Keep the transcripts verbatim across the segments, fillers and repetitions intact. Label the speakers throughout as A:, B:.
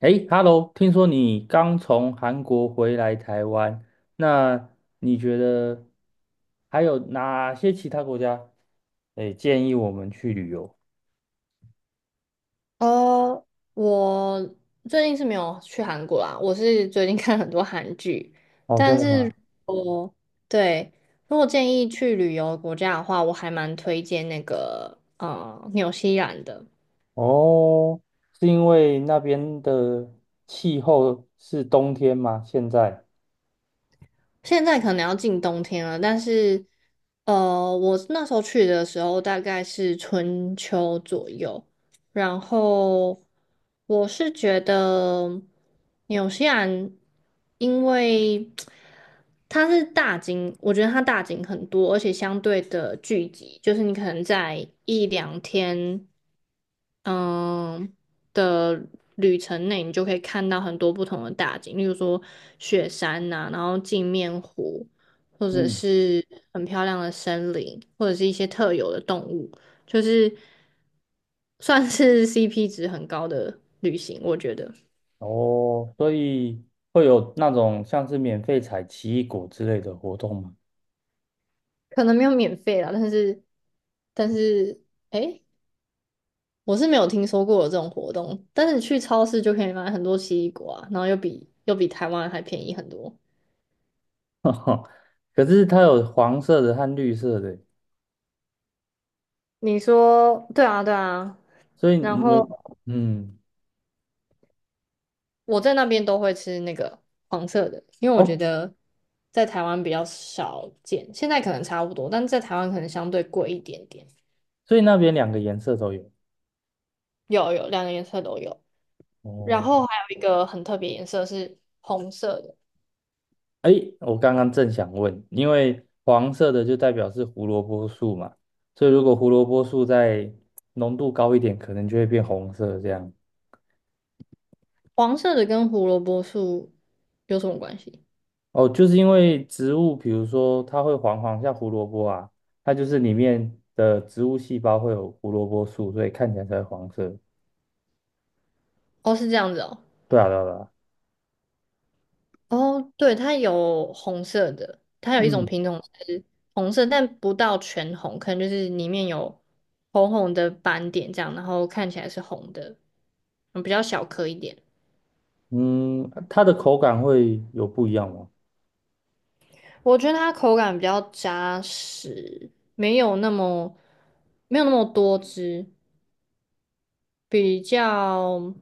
A: 诶， h e l l o， 听说你刚从韩国回来台湾，那你觉得还有哪些其他国家，诶，建议我们去旅游？
B: 哦，我最近是没有去韩国啦，我是最近 看很多韩剧。
A: 哦，真
B: 但
A: 的
B: 是
A: 吗？
B: 我对，如果建议去旅游的国家的话，我还蛮推荐那个呃纽西兰的。
A: 哦，是因为那边的气候是冬天吗？现在？
B: 现在可能要进冬天了，但是，呃，我那时候去的时候大概是春秋左右。然后我是觉得纽西兰，因为它是大景，我觉得它大景很多，而且相对的聚集，就是你可能在一两天。嗯的旅程内，你就可以看到很多不同的大景，例如说雪山呐、然后镜面湖，或者
A: 嗯。
B: 是很漂亮的森林，或者是一些特有的动物，就是算是 C P 值很高的旅行，我觉得。
A: 哦，所以会有那种像是免费采奇异果之类的活动吗？
B: 可能没有免费啦，但是但是诶，我是没有听说过有这种活动，但是你去超市就可以买很多奇异果啊，然后又比又比台湾还便宜很多。
A: 可是它有黄色的和绿色的，
B: 你说对啊，对啊。
A: 所以
B: 然
A: 你有，
B: 后
A: 嗯。
B: 我在那边都会吃那个黄色的，因为我觉
A: 哦。
B: 得在台湾比较少见，现在可能差不多，但是在台湾可能相对贵一点点。
A: 所以那边两个颜色都有。
B: 有有，两个颜色都有。然
A: 哦，
B: 后还有一个很特别颜色是红色的。
A: 哎，我刚刚正想问，因为黄色的就代表是胡萝卜素嘛，所以如果胡萝卜素再浓度高一点，可能就会变红色这样。
B: 黄色的跟胡萝卜素有什么关系？
A: 哦，就是因为植物，比如说它会黄黄，像胡萝卜啊，它就是里面的植物细胞会有胡萝卜素，所以看起来才会黄色。
B: 哦，是这样子哦。
A: 对啊，对啊，对啊。
B: 哦，对，它有红色的，它有一种
A: 嗯，
B: 品种是红色，但不到全红，可能就是里面有红红的斑点这样，然后看起来是红的，嗯，比较小颗一点。
A: 嗯，它的口感会有不一样吗？
B: 我觉得它口感比较扎实，没有那么没有那么多汁，比较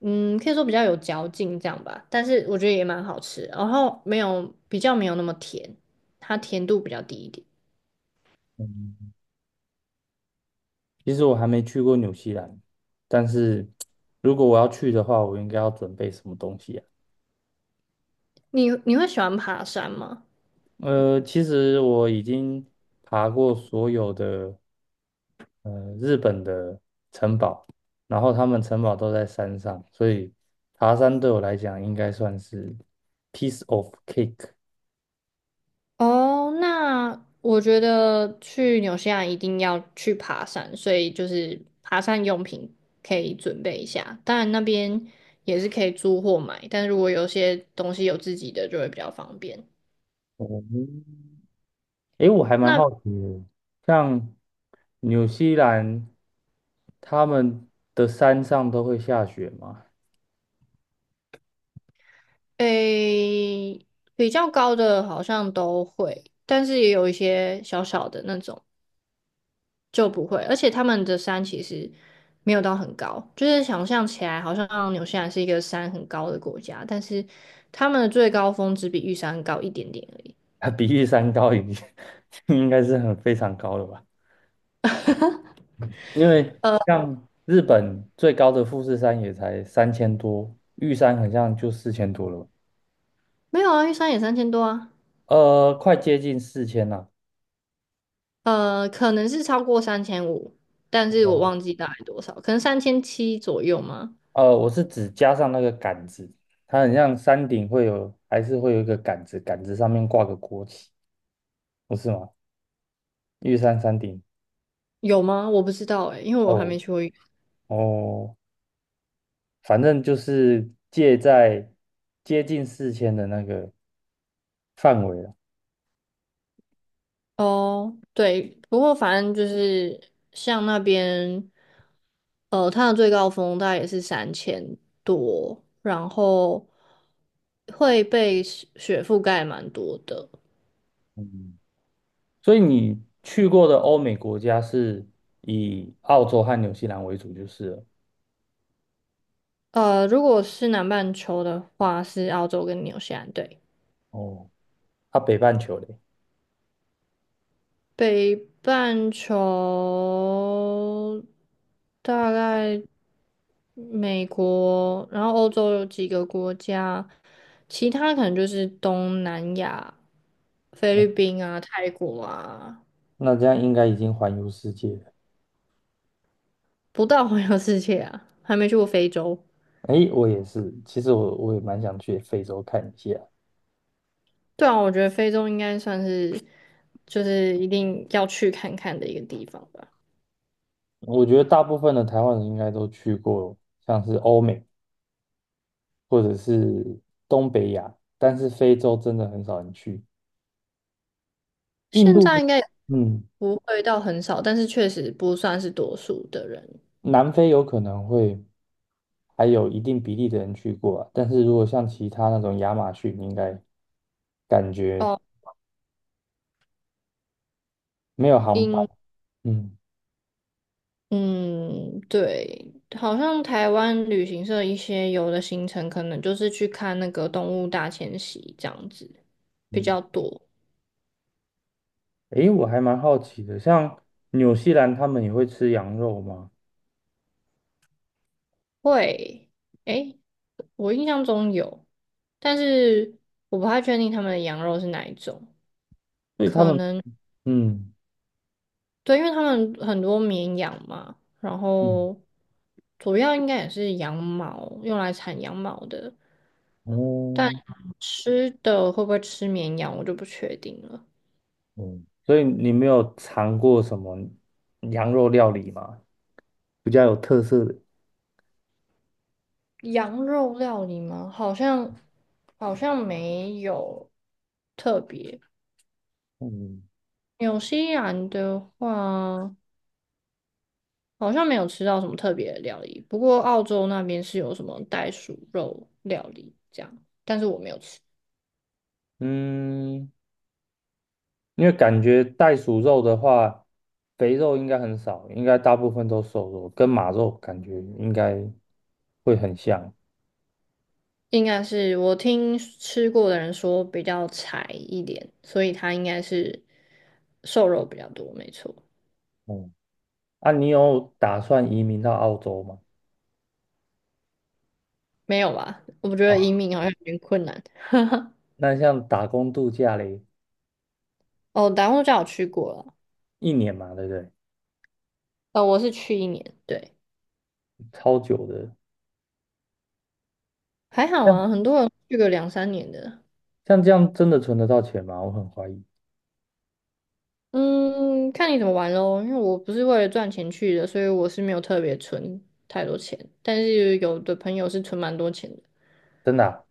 B: 嗯，可以说比较有嚼劲这样吧。但是我觉得也蛮好吃，然后没有比较没有那么甜，它甜度比较低一点。
A: 嗯其实我还没去过纽西兰，但是如果我要去的话，我应该要准备什么东西啊？
B: 你你会喜欢爬山吗？
A: 呃，其实我已经爬过所有的呃日本的城堡，然后他们城堡都在山上，所以爬山对我来讲应该算是 piece of cake。
B: 哦，那我觉得去纽西兰一定要去爬山，所以就是爬山用品可以准备一下。当然那边也是可以租或买，但是如果有些东西有自己的就会比较方便。
A: 哦，诶，我还蛮
B: 那
A: 好奇的，像纽西兰他们的山上都会下雪吗？
B: 诶，比较高的好像都会，但是也有一些小小的那种。就不会，而且他们的山其实没有到很高，就是想象起来好像纽西兰是一个山很高的国家，但是他们的最高峰只比玉山高一点点而已。
A: 它比玉山高已经 应该是很非常高了吧？因为像日本最高的富士山也才三千多，玉山好像就四千多了吧？
B: 没有啊，玉山也三千多啊。
A: 呃，快接近四千了。
B: 呃，可能是超过三千五，但是我
A: 哦，
B: 忘记大概多少，可能三千七左右吗？
A: 呃，我是指加上那个杆子，它很像山顶会有，还是会有一个杆子，杆子上面挂个国旗，不是吗？玉山山顶。
B: 有吗？我不知道哎，因为我还
A: 哦。
B: 没去过。
A: 哦，反正就是介在接近四千的那个范围了。
B: 哦，对，不过反正就是像那边，呃，它的最高峰大概也是三千多，然后会被雪雪覆盖蛮多的。
A: 嗯。所以你去过的欧美国家是以澳洲和纽西兰为主就是了。
B: 呃，如果是南半球的话，是澳洲跟纽西兰，对。
A: 哦，它北半球嘞。
B: 北半球大概美国，然后欧洲有几个国家，其他可能就是东南亚、菲
A: 哦，
B: 律宾啊、泰国啊。
A: 那这样应该已经环游世界了。
B: 不到环游世界啊，还没去过非洲。
A: 诶，我也是，其实我我也蛮想去非洲看一下。
B: 对啊，我觉得非洲应该算是就是一定要去看看的一个地方吧。
A: 我觉得大部分的台湾人应该都去过，像是欧美或者是东北亚，但是非洲真的很少人去。印
B: 现
A: 度，
B: 在应该也
A: 嗯，
B: 不会到很少，但是确实不算是多数的人。
A: 南非有可能会，还有一定比例的人去过啊，但是如果像其他那种亚马逊，应该感觉
B: 哦，
A: 没有航班。
B: 英
A: 嗯。
B: 嗯，对，好像台湾旅行社一些有的行程可能就是去看那个动物大迁徙这样子比
A: 嗯，
B: 较多。
A: 诶，我还蛮好奇的，像纽西兰他们也会吃羊肉吗？
B: 会，诶，我印象中有，但是我不太确定他们的羊肉是哪一种。
A: 所以他们，嗯。
B: 对，因为他们很多绵羊嘛，然
A: 嗯。
B: 后主要应该也是羊毛，用来产羊毛的。
A: 哦。
B: 吃的会不会吃绵羊，我就不确定了。
A: 嗯，所以你没有尝过什么羊肉料理吗？比较有特色的。
B: 羊肉料理吗？好像好像没有特别。
A: 嗯。
B: 纽西兰的话，好像没有吃到什么特别的料理。不过澳洲那边是有什么袋鼠肉料理这样，但是我没有吃。
A: 嗯。因为感觉袋鼠肉的话，肥肉应该很少，应该大部分都瘦肉，跟马肉感觉应该会很像。
B: 应该是我听吃过的人说比较柴一点，所以它应该是瘦肉比较多，没错。
A: 嗯，啊，你有打算移民到澳洲吗？
B: 没有吧？我觉得
A: 啊，
B: 移民好像有点困难。
A: 那像打工度假嘞，
B: 哦，达悟家我去过了。
A: 一年嘛，对不对？
B: 呃，我是去一年，对。
A: 超久的，
B: 还好啊，很
A: 像
B: 多人去个两三年的。
A: 像这样真的存得到钱吗？我很怀疑，
B: 嗯，看你怎么玩咯。因为我不是为了赚钱去的，所以我是没有特别存太多钱。但是有的朋友是存蛮多钱的。
A: 真的啊，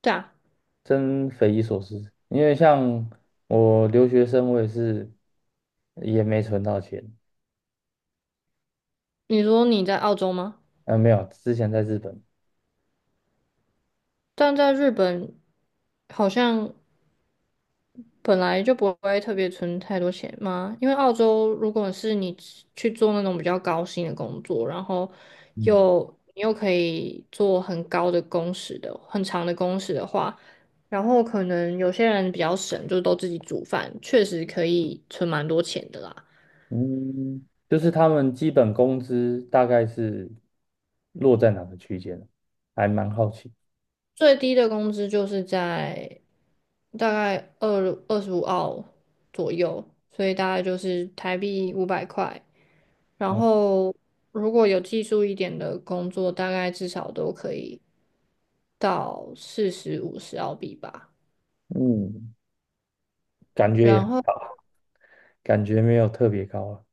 B: 对啊，
A: 真匪夷所思。因为像我留学生，我也是也没存到钱，
B: 你说你在澳洲吗？
A: 嗯、没有，之前在日本。
B: 但在日本好像本来就不会特别存太多钱嘛，因为澳洲如果是你去做那种比较高薪的工作，然后
A: 嗯。
B: 又你又可以做很高的工时的很长的工时的话，然后可能有些人比较省，就都自己煮饭，确实可以存蛮多钱的啦。
A: 嗯，就是他们基本工资大概是落在哪个区间呢？还蛮好奇。
B: 最低的工资就是在大概二二十五澳左右，所以大概就是台币五百块。然
A: 哦，
B: 后如果有技术一点的工作，大概至少都可以到四十五十澳币吧。
A: 嗯，感觉
B: 然
A: 也
B: 后
A: 感觉没有特别高啊。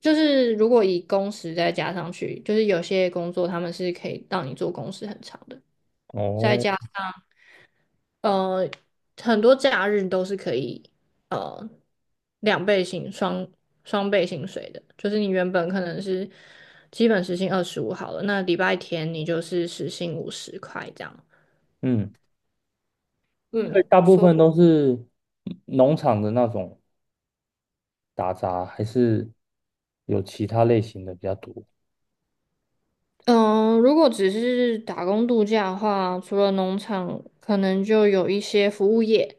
B: 就是如果以工时再加上去，就是有些工作他们是可以让你做工时很长的，再
A: 哦，
B: 加呃很多假日都是可以呃两倍薪双双倍薪水的，就是你原本可能是基本时薪二十五好了，那礼拜天你就是时薪五十块这样。
A: 嗯，所以
B: 嗯。
A: 大部分都是农场的那种打杂，还是有其他类型的比较多。
B: 嗯，如果只是打工度假的话，除了农场，可能就有一些服务业，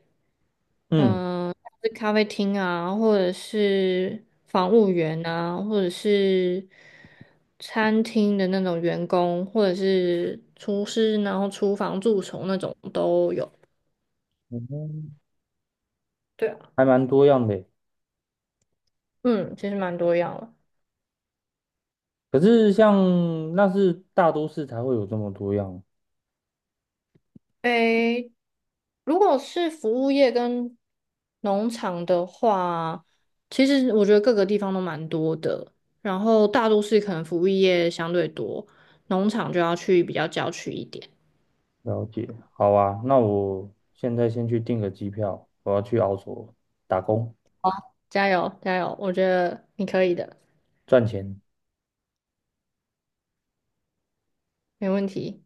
A: 嗯，
B: 嗯，像是咖啡厅啊，或者是房务员啊，或者是餐厅的那种员工，或者是厨师，然后厨房蛀虫那种都有。
A: 嗯，
B: 对啊，
A: 还蛮多样的耶。
B: 嗯，其实蛮多样了。
A: 可是像那是大都市才会有这么多样，
B: 诶，如果是服务业跟农场的话，其实我觉得各个地方都蛮多的。然后大都市可能服务业相对多，农场就要去比较郊区一点。
A: 了解，好啊，那我现在先去订个机票，我要去澳洲打工
B: 加油，加油！我觉得你可以的，
A: 赚钱。
B: 没问题。